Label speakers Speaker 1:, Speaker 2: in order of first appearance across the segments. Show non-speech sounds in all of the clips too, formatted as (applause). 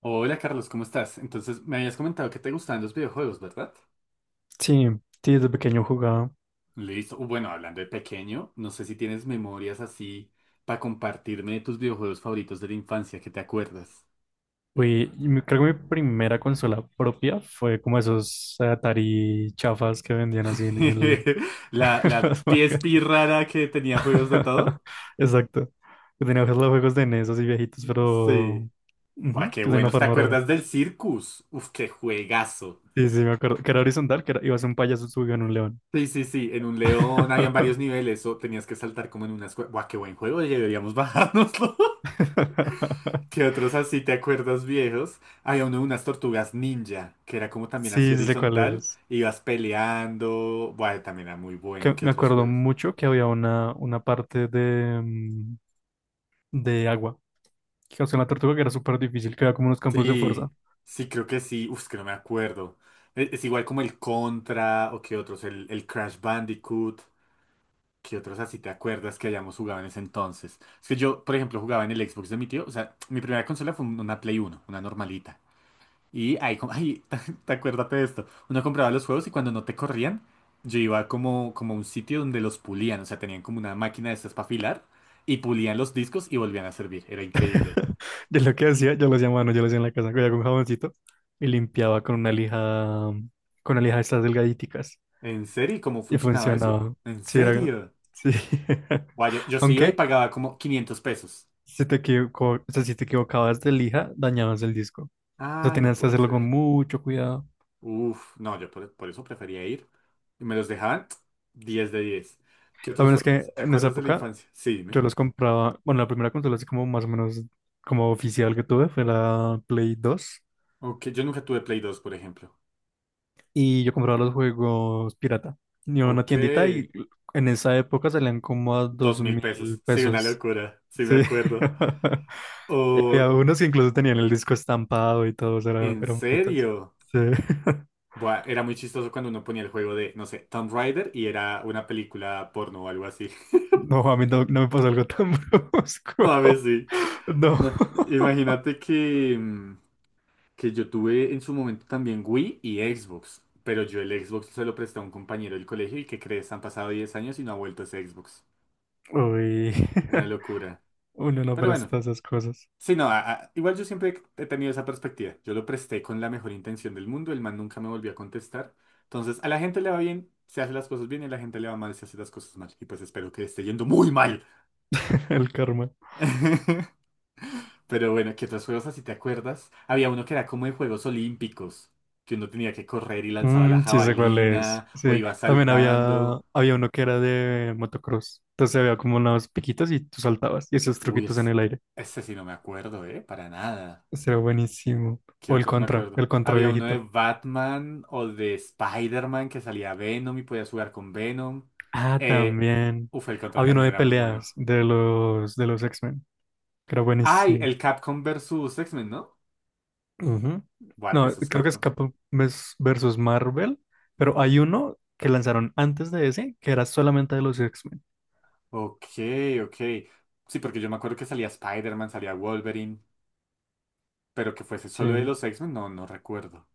Speaker 1: Hola Carlos, ¿cómo estás? Entonces, me habías comentado que te gustaban los videojuegos, ¿verdad?
Speaker 2: Sí, sí, desde pequeño jugaba.
Speaker 1: Listo. Bueno, hablando de pequeño, no sé si tienes memorias así para compartirme de tus videojuegos favoritos de la infancia, ¿que te acuerdas?
Speaker 2: Uy, y creo que mi primera consola propia fue como esos Atari chafas que vendían así en el...
Speaker 1: (laughs) La,
Speaker 2: (laughs) en
Speaker 1: la
Speaker 2: las marcas.
Speaker 1: PSP rara que tenía juegos de
Speaker 2: (laughs)
Speaker 1: todo.
Speaker 2: Exacto. Que tenía los juegos de NES así viejitos,
Speaker 1: Sí.
Speaker 2: pero...
Speaker 1: Buah,
Speaker 2: ujú,
Speaker 1: qué
Speaker 2: que de una
Speaker 1: buenos. ¿Te
Speaker 2: forma rara.
Speaker 1: acuerdas del Circus? Uf, qué juegazo.
Speaker 2: Sí, sí, me acuerdo. Que era horizontal, que iba a ser un payaso subido en un león.
Speaker 1: Sí, sí, sí. En un león habían
Speaker 2: (laughs)
Speaker 1: varios niveles o tenías que saltar como en unas cue- buah, qué buen juego. Deberíamos (laughs) bajárnoslo. ¿Que otros así te acuerdas viejos? Había uno de unas tortugas ninja, que era como también así
Speaker 2: Sí, sí sé cuál
Speaker 1: horizontal,
Speaker 2: es.
Speaker 1: ibas peleando, bueno, también era muy bueno.
Speaker 2: Que
Speaker 1: ¿Qué
Speaker 2: me
Speaker 1: otros
Speaker 2: acuerdo
Speaker 1: juegos?
Speaker 2: mucho que había una parte de agua, que hacía una tortuga que era súper difícil, que era como unos campos de
Speaker 1: Sí,
Speaker 2: fuerza.
Speaker 1: sí, creo que sí, uf, es que no me acuerdo. Es, igual como el Contra, o qué otros, el Crash Bandicoot, qué otros así te acuerdas que hayamos jugado en ese entonces. Es que yo, por ejemplo, jugaba en el Xbox de mi tío, o sea, mi primera consola fue un- una Play uno, una normalita. Y ahí, com- ay, (laughs) te acuérdate de esto. Uno compraba los juegos y cuando no te corrían, yo iba como, como a un sitio donde los pulían. O sea, tenían como una máquina de estas para afilar y pulían los discos y volvían a servir. Era increíble.
Speaker 2: (laughs) Yo lo que hacía, yo lo hacía a mano, yo lo hacía en la casa, cogía con jaboncito y limpiaba con una lija de estas delgadíticas,
Speaker 1: ¿En serio? ¿Y cómo
Speaker 2: y
Speaker 1: funcionaba eso?
Speaker 2: funcionaba.
Speaker 1: ¿En
Speaker 2: Sí, era,
Speaker 1: serio?
Speaker 2: sí. (laughs)
Speaker 1: Guau, yo sí iba y
Speaker 2: Aunque
Speaker 1: pagaba como 500 pesos.
Speaker 2: si te equivoco, o sea, si te equivocabas de lija, dañabas el disco. O sea,
Speaker 1: Ah, no
Speaker 2: tenías que
Speaker 1: puede
Speaker 2: hacerlo
Speaker 1: ser.
Speaker 2: con mucho cuidado.
Speaker 1: Uf, no, yo por eso prefería ir. Y me los dejaban (tsk) 10 de 10. ¿Qué otros
Speaker 2: También es
Speaker 1: juegos
Speaker 2: que
Speaker 1: así te
Speaker 2: en esa
Speaker 1: acuerdas de la
Speaker 2: época
Speaker 1: infancia? Sí, dime.
Speaker 2: yo los compraba, bueno, la primera consola así como más o menos como oficial que tuve fue la Play dos,
Speaker 1: Ok, yo nunca tuve Play dos por ejemplo.
Speaker 2: y yo compraba los juegos pirata. Iba a una
Speaker 1: Ok.
Speaker 2: tiendita y en esa época salían como a dos
Speaker 1: 2000 pesos.
Speaker 2: mil
Speaker 1: Sí, una
Speaker 2: pesos.
Speaker 1: locura. Sí, me
Speaker 2: Sí.
Speaker 1: acuerdo.
Speaker 2: (laughs) y había
Speaker 1: O,
Speaker 2: unos que incluso tenían el disco estampado y todos era,
Speaker 1: ¿en
Speaker 2: eran bonitos.
Speaker 1: serio?
Speaker 2: Sí. (laughs)
Speaker 1: Buah, era muy chistoso cuando uno ponía el juego de, no sé, Tomb Raider y era una película porno o algo así. (laughs)
Speaker 2: No, a mí no me pasó algo tan (laughs)
Speaker 1: No,
Speaker 2: brusco.
Speaker 1: a ver, sí.
Speaker 2: No.
Speaker 1: No, imagínate que, que yo tuve en su momento también Wii y Xbox. Pero yo el Xbox se lo presté a un compañero del colegio y que crees, han pasado 10 años y no ha vuelto ese Xbox.
Speaker 2: Uy.
Speaker 1: Una
Speaker 2: (laughs)
Speaker 1: locura.
Speaker 2: Uno no
Speaker 1: Pero bueno,
Speaker 2: presta esas cosas.
Speaker 1: sí, no, igual yo siempre he tenido esa perspectiva. Yo lo presté con la mejor intención del mundo, el man nunca me volvió a contestar. Entonces, a la gente le va bien, se hace las cosas bien, y a la gente le va mal, se hace las cosas mal. Y pues espero que le esté yendo muy mal.
Speaker 2: (laughs) El karma.
Speaker 1: (laughs) Pero bueno, ¿qué otros juegos así te acuerdas? Había uno que era como de Juegos Olímpicos, que uno tenía que correr y lanzaba la
Speaker 2: Mm, sí sé cuál es.
Speaker 1: jabalina, o
Speaker 2: Sí,
Speaker 1: iba
Speaker 2: también había,
Speaker 1: saltando.
Speaker 2: había uno que era de motocross. Entonces había como unos piquitos y tú saltabas y esos
Speaker 1: Uy,
Speaker 2: truquitos en
Speaker 1: es...
Speaker 2: el aire.
Speaker 1: ese sí no me acuerdo, ¿eh? Para nada.
Speaker 2: Ese era buenísimo.
Speaker 1: ¿Qué
Speaker 2: O el
Speaker 1: otros me
Speaker 2: contra,
Speaker 1: acuerdo?
Speaker 2: el contra
Speaker 1: Había uno de
Speaker 2: viejito.
Speaker 1: Batman o de Spider-Man que salía Venom y podías jugar con Venom.
Speaker 2: Ah,
Speaker 1: Eh,
Speaker 2: también.
Speaker 1: uf, el Contra
Speaker 2: Había uno
Speaker 1: también
Speaker 2: de
Speaker 1: era muy bueno.
Speaker 2: peleas de los X-Men, que era
Speaker 1: Ay,
Speaker 2: buenísimo.
Speaker 1: el Capcom versus X-Men, ¿no?
Speaker 2: Ujú.
Speaker 1: What,
Speaker 2: No,
Speaker 1: eso es
Speaker 2: creo que es
Speaker 1: Capcom.
Speaker 2: Capcom versus Marvel, pero hay uno que lanzaron antes de ese que era solamente de los X-Men.
Speaker 1: Ok, ok. Sí, porque yo me acuerdo que salía Spider-Man, salía Wolverine, pero que fuese solo de
Speaker 2: Sí.
Speaker 1: los X-Men, no, no recuerdo.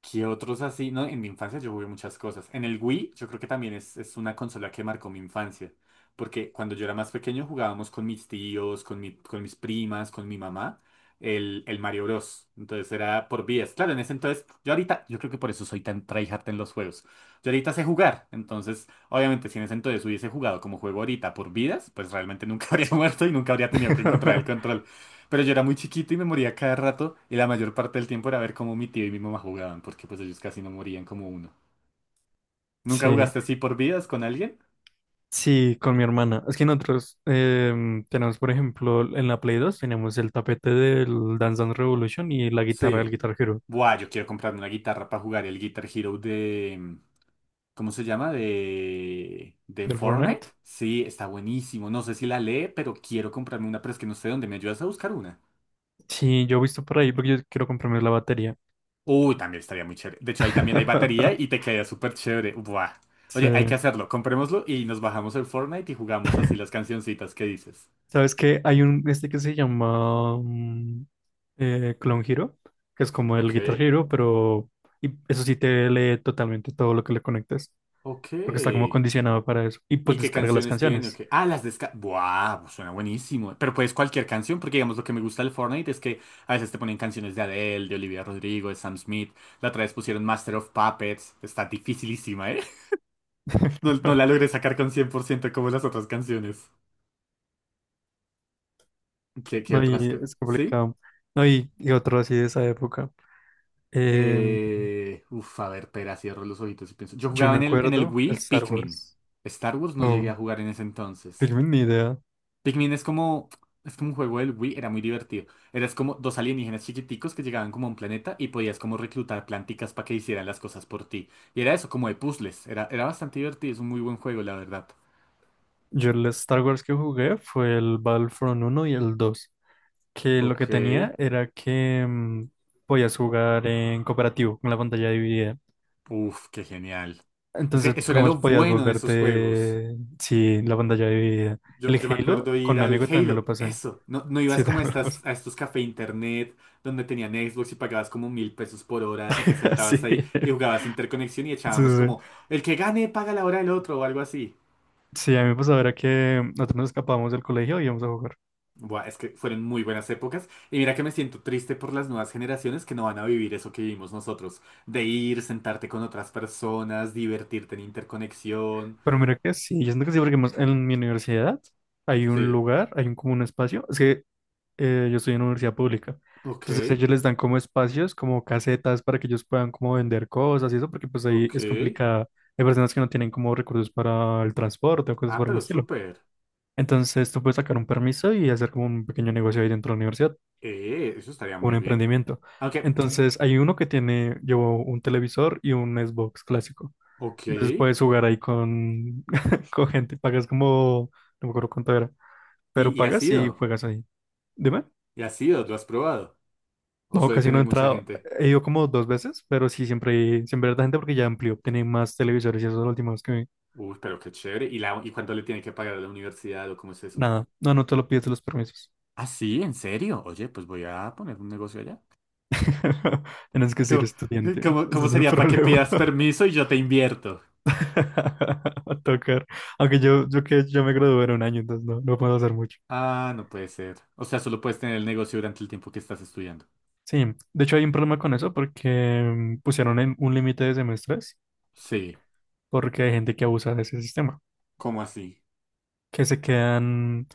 Speaker 1: ¿Qué otros así? No, en mi infancia yo jugué muchas cosas. En el Wii, yo creo que también es una consola que marcó mi infancia. Porque cuando yo era más pequeño jugábamos con mis tíos, con mi, con mis primas, con mi mamá, el Mario Bros. Entonces era por vías. Claro, en ese entonces, yo ahorita, yo creo que por eso soy tan tryhard en los juegos. Yo ahorita sé jugar. Entonces, obviamente, si en ese entonces hubiese jugado como juego ahorita por vidas, pues realmente nunca (laughs) habría muerto y nunca habría tenido que encontrar el
Speaker 2: (laughs)
Speaker 1: control. Pero yo era muy chiquito y me moría cada rato y la mayor parte del tiempo era ver cómo mi tío y mi mamá jugaban, porque pues ellos casi no morían como uno. ¿Nunca
Speaker 2: Sí.
Speaker 1: jugaste así por vidas con alguien?
Speaker 2: Sí, con mi hermana. Es que nosotros tenemos, por ejemplo, en la Play dos tenemos el tapete del Dance Dance Revolution y la guitarra del
Speaker 1: Sí.
Speaker 2: Guitar Hero
Speaker 1: Buah, yo quiero comprarme una guitarra para jugar el Guitar Hero de... ¿Cómo se llama? ¿De
Speaker 2: del
Speaker 1: Fortnite?
Speaker 2: Fortnite.
Speaker 1: Sí, está buenísimo. No sé si la lee, pero quiero comprarme una, pero es que no sé dónde. ¿Me ayudas a buscar una?
Speaker 2: Sí, yo he visto por ahí porque yo quiero comprarme la batería.
Speaker 1: Uy, también estaría muy chévere. De hecho, ahí también hay batería y te
Speaker 2: (laughs)
Speaker 1: queda súper chévere. Buah.
Speaker 2: Sí.
Speaker 1: Oye, hay que hacerlo. Comprémoslo y nos bajamos el Fortnite y jugamos así las cancioncitas que dices.
Speaker 2: ¿Sabes qué? Hay un este que se llama Clone Hero, que es como el
Speaker 1: Ok,
Speaker 2: Guitar Hero, pero y eso sí te lee totalmente todo lo que le conectes, porque está como
Speaker 1: ok.
Speaker 2: condicionado para eso. Y pues
Speaker 1: ¿Y qué
Speaker 2: descarga las
Speaker 1: canciones tiene?
Speaker 2: canciones.
Speaker 1: Okay. Ah, las descargas. ¡Buah! Pues suena buenísimo. Pero puedes cualquier canción, porque digamos lo que me gusta del Fortnite es que a veces te ponen canciones de Adele, de Olivia Rodrigo, de Sam Smith. La otra vez pusieron Master of Puppets. Está dificilísima, ¿eh? (laughs) No, no la
Speaker 2: (laughs)
Speaker 1: logré sacar con 100% como las otras canciones. ¿Qué, qué
Speaker 2: No,
Speaker 1: otras?
Speaker 2: y
Speaker 1: Que-
Speaker 2: es
Speaker 1: ¿Sí?
Speaker 2: complicado. No, y otro así de esa época. Em,
Speaker 1: Uf, a ver, pera, cierro los ojitos y pienso. Yo
Speaker 2: yo
Speaker 1: jugaba
Speaker 2: me
Speaker 1: en el
Speaker 2: acuerdo el
Speaker 1: Wii
Speaker 2: Star
Speaker 1: Pikmin.
Speaker 2: Wars.
Speaker 1: Star Wars no llegué
Speaker 2: No,
Speaker 1: a jugar en ese entonces.
Speaker 2: tengo ni idea.
Speaker 1: Pikmin es como un juego del Wii, era muy divertido. Eras como dos alienígenas chiquiticos que llegaban como a un planeta y podías como reclutar planticas para que hicieran las cosas por ti. Y era eso, como de puzzles. Era, era bastante divertido, es un muy buen juego, la verdad.
Speaker 2: Yo el Star Wars que jugué fue el Battlefront uno y el dos. Que lo que
Speaker 1: Ok.
Speaker 2: tenía era que podías jugar en cooperativo con la pantalla dividida.
Speaker 1: Uf, qué genial. Es que
Speaker 2: Entonces,
Speaker 1: eso era lo
Speaker 2: digamos, podías
Speaker 1: bueno de esos juegos.
Speaker 2: volverte, sí, la pantalla dividida.
Speaker 1: Yo,
Speaker 2: El
Speaker 1: yo me
Speaker 2: Halo
Speaker 1: acuerdo
Speaker 2: con
Speaker 1: ir
Speaker 2: un
Speaker 1: al
Speaker 2: amigo también me lo
Speaker 1: Halo,
Speaker 2: pasé.
Speaker 1: eso. No, no ibas
Speaker 2: Sí, (laughs)
Speaker 1: como a,
Speaker 2: también me lo pasé.
Speaker 1: estas, a estos café internet donde tenían Xbox y pagabas como mil pesos por hora y te
Speaker 2: (laughs)
Speaker 1: sentabas
Speaker 2: Así.
Speaker 1: ahí y jugabas interconexión y
Speaker 2: Sí,
Speaker 1: echábamos
Speaker 2: sí.
Speaker 1: como el que gane paga la hora del otro o algo así.
Speaker 2: Sí, a mí me pasaba era que nosotros nos escapábamos del colegio y íbamos a jugar.
Speaker 1: Buah, es que fueron muy buenas épocas y mira que me siento triste por las nuevas generaciones que no van a vivir eso que vivimos nosotros, de ir, sentarte con otras personas, divertirte en interconexión.
Speaker 2: Pero mira que sí, yo siento que sí, porque más en mi universidad hay un
Speaker 1: Sí,
Speaker 2: lugar, hay un, como un espacio. Es que yo estoy en una universidad pública.
Speaker 1: ok,
Speaker 2: Entonces ellos les dan como espacios, como casetas para que ellos puedan como vender cosas y eso, porque pues ahí
Speaker 1: ok.
Speaker 2: es complicado. Hay personas que no tienen como recursos para el transporte o cosas
Speaker 1: Ah,
Speaker 2: por el
Speaker 1: pero
Speaker 2: estilo.
Speaker 1: súper.
Speaker 2: Entonces tú puedes sacar un permiso y hacer como un pequeño negocio ahí dentro de la universidad,
Speaker 1: Eso estaría
Speaker 2: un
Speaker 1: muy bien.
Speaker 2: emprendimiento.
Speaker 1: Aunque
Speaker 2: Entonces hay uno que tiene, llevó un televisor y un Xbox clásico.
Speaker 1: ok.
Speaker 2: Entonces puedes jugar ahí con, (laughs) con gente, pagas como, no me acuerdo cuánto era, pero
Speaker 1: Y has
Speaker 2: pagas y
Speaker 1: ido?
Speaker 2: juegas ahí. Dime.
Speaker 1: ¿Y has ido? ¿Lo has probado? ¿O
Speaker 2: No,
Speaker 1: suele
Speaker 2: casi no he
Speaker 1: tener mucha
Speaker 2: entrado.
Speaker 1: gente?
Speaker 2: He ido como dos veces, pero sí, siempre, siempre hay harta gente porque ya amplió, tiene más televisores y eso es lo último que vi.
Speaker 1: Uy, pero qué chévere. ¿Y, la, y cuánto le tienen que pagar a la universidad o cómo es eso?
Speaker 2: Nada, no, no te lo pides los permisos.
Speaker 1: Ah, sí, ¿en serio? Oye, pues voy a poner un negocio allá.
Speaker 2: (laughs) Tienes que ser
Speaker 1: ¿Cómo,
Speaker 2: estudiante, ese
Speaker 1: cómo
Speaker 2: es el
Speaker 1: sería para que
Speaker 2: problema.
Speaker 1: pidas permiso y yo te invierto?
Speaker 2: (laughs) A tocar. Aunque yo que yo me gradué en un año, entonces no, no puedo hacer mucho.
Speaker 1: Ah, no puede ser. O sea, solo puedes tener el negocio durante el tiempo que estás estudiando.
Speaker 2: Sí, de hecho hay un problema con eso porque pusieron en un límite de semestres
Speaker 1: Sí.
Speaker 2: porque hay gente que abusa de ese sistema,
Speaker 1: ¿Cómo así?
Speaker 2: que se quedan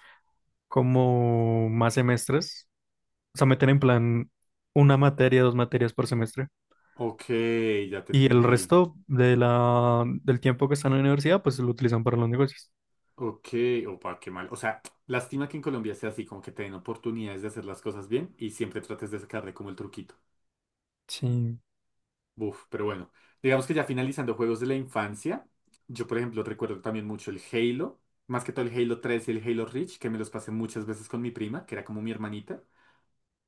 Speaker 2: como más semestres, o sea, meten en plan una materia, dos materias por semestre,
Speaker 1: Ok, ya te
Speaker 2: y el
Speaker 1: entendí.
Speaker 2: resto de la, del tiempo que están en la universidad, pues lo utilizan para los negocios.
Speaker 1: Ok, opa, qué mal. O sea, lástima que en Colombia sea así, como que te den oportunidades de hacer las cosas bien y siempre trates de sacarle como el truquito.
Speaker 2: Sí,
Speaker 1: Buf, pero bueno. Digamos que ya finalizando juegos de la infancia, yo por ejemplo recuerdo también mucho el Halo, más que todo el Halo 3 y el Halo Reach, que me los pasé muchas veces con mi prima, que era como mi hermanita.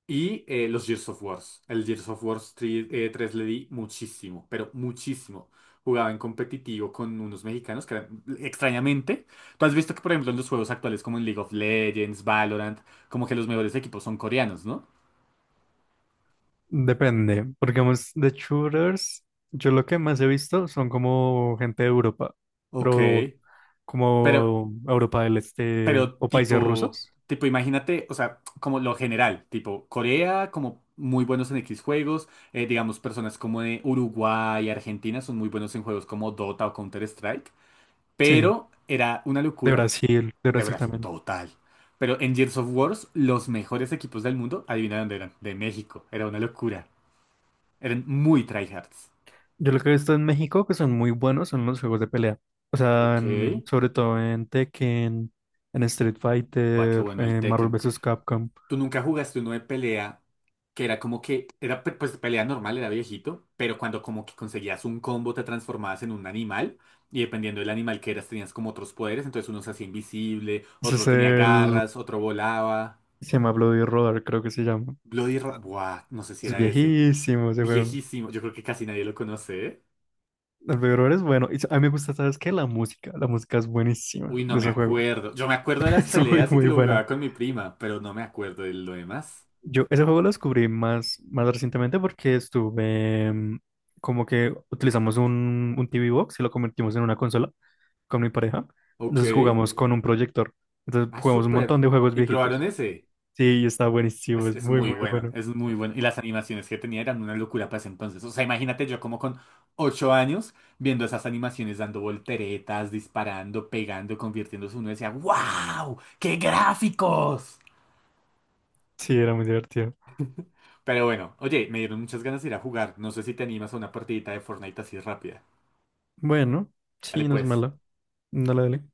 Speaker 1: Y los Gears of Wars. El Gears of Wars 3 3 le di muchísimo, pero muchísimo. Jugaba en competitivo con unos mexicanos que eran- extrañamente. Tú has visto que, por ejemplo, en los juegos actuales como en League of Legends, Valorant, como que los mejores equipos son coreanos, ¿no?
Speaker 2: depende, porque vamos, de shooters, yo lo que más he visto son como gente de Europa,
Speaker 1: Ok.
Speaker 2: pero
Speaker 1: Pero,
Speaker 2: como Europa del Este
Speaker 1: pero
Speaker 2: o países
Speaker 1: tipo,
Speaker 2: rusos.
Speaker 1: tipo, imagínate, o sea, como lo general, tipo Corea, como muy buenos en X juegos, digamos, personas como de Uruguay, Argentina son muy buenos en juegos como Dota o Counter-Strike.
Speaker 2: Sí,
Speaker 1: Pero era una locura,
Speaker 2: De
Speaker 1: de
Speaker 2: Brasil
Speaker 1: verdad,
Speaker 2: también.
Speaker 1: total. Pero en Gears of Wars, los mejores equipos del mundo, adivina dónde eran, de México. Era una locura. Eran muy tryhards.
Speaker 2: Yo lo que he visto en México que son muy buenos son los juegos de pelea. O sea,
Speaker 1: Ok.
Speaker 2: en- sobre todo en Tekken, en Street
Speaker 1: Guau, qué
Speaker 2: Fighter,
Speaker 1: bueno el
Speaker 2: en Marvel
Speaker 1: Tekken.
Speaker 2: vs. Capcom.
Speaker 1: ¿Tú nunca jugaste uno de pelea que era como que, era pe- pues pelea normal, era viejito, pero cuando como que conseguías un combo te transformabas en un animal y dependiendo del animal que eras tenías como otros poderes, entonces uno se hacía invisible,
Speaker 2: Ese
Speaker 1: otro
Speaker 2: es
Speaker 1: tenía
Speaker 2: el...
Speaker 1: garras, otro volaba.
Speaker 2: Se llama Bloody Roar, creo que se llama.
Speaker 1: Bloody Ra... buah, no sé si
Speaker 2: Es
Speaker 1: era ese.
Speaker 2: viejísimo ese juego.
Speaker 1: Viejísimo, yo creo que casi nadie lo conoce, ¿eh?
Speaker 2: El Bloody Roar es bueno. Y a mí me gusta, ¿sabes qué? La música. La música es buenísima
Speaker 1: Uy, no
Speaker 2: de
Speaker 1: me
Speaker 2: ese juego.
Speaker 1: acuerdo. Yo me acuerdo de
Speaker 2: (laughs)
Speaker 1: las
Speaker 2: Es muy,
Speaker 1: peleas y que
Speaker 2: muy
Speaker 1: lo
Speaker 2: buena.
Speaker 1: jugaba con mi prima, pero no me acuerdo de lo demás.
Speaker 2: Yo ese juego lo descubrí más, más recientemente porque estuve como que utilizamos un TV Box y lo convertimos en una consola con mi pareja.
Speaker 1: Ok.
Speaker 2: Entonces jugamos con un proyector. Entonces
Speaker 1: Ah,
Speaker 2: jugamos un
Speaker 1: súper.
Speaker 2: montón de juegos
Speaker 1: ¿Y probaron
Speaker 2: viejitos.
Speaker 1: ese?
Speaker 2: Sí, y está buenísimo, es
Speaker 1: Es
Speaker 2: muy,
Speaker 1: muy
Speaker 2: muy
Speaker 1: bueno,
Speaker 2: bueno.
Speaker 1: es muy bueno. Y las animaciones que tenía eran una locura para ese entonces. O sea, imagínate yo como con 8 años viendo esas animaciones dando volteretas, disparando, pegando, convirtiéndose. Uno decía, ¡Wow! ¡Qué gráficos!
Speaker 2: Sí, era muy divertido.
Speaker 1: Pero bueno, oye, me dieron muchas ganas de ir a jugar. No sé si te animas a una partidita de Fortnite así rápida.
Speaker 2: Bueno,
Speaker 1: Dale
Speaker 2: sí, no es
Speaker 1: pues.
Speaker 2: malo. Dale, dale.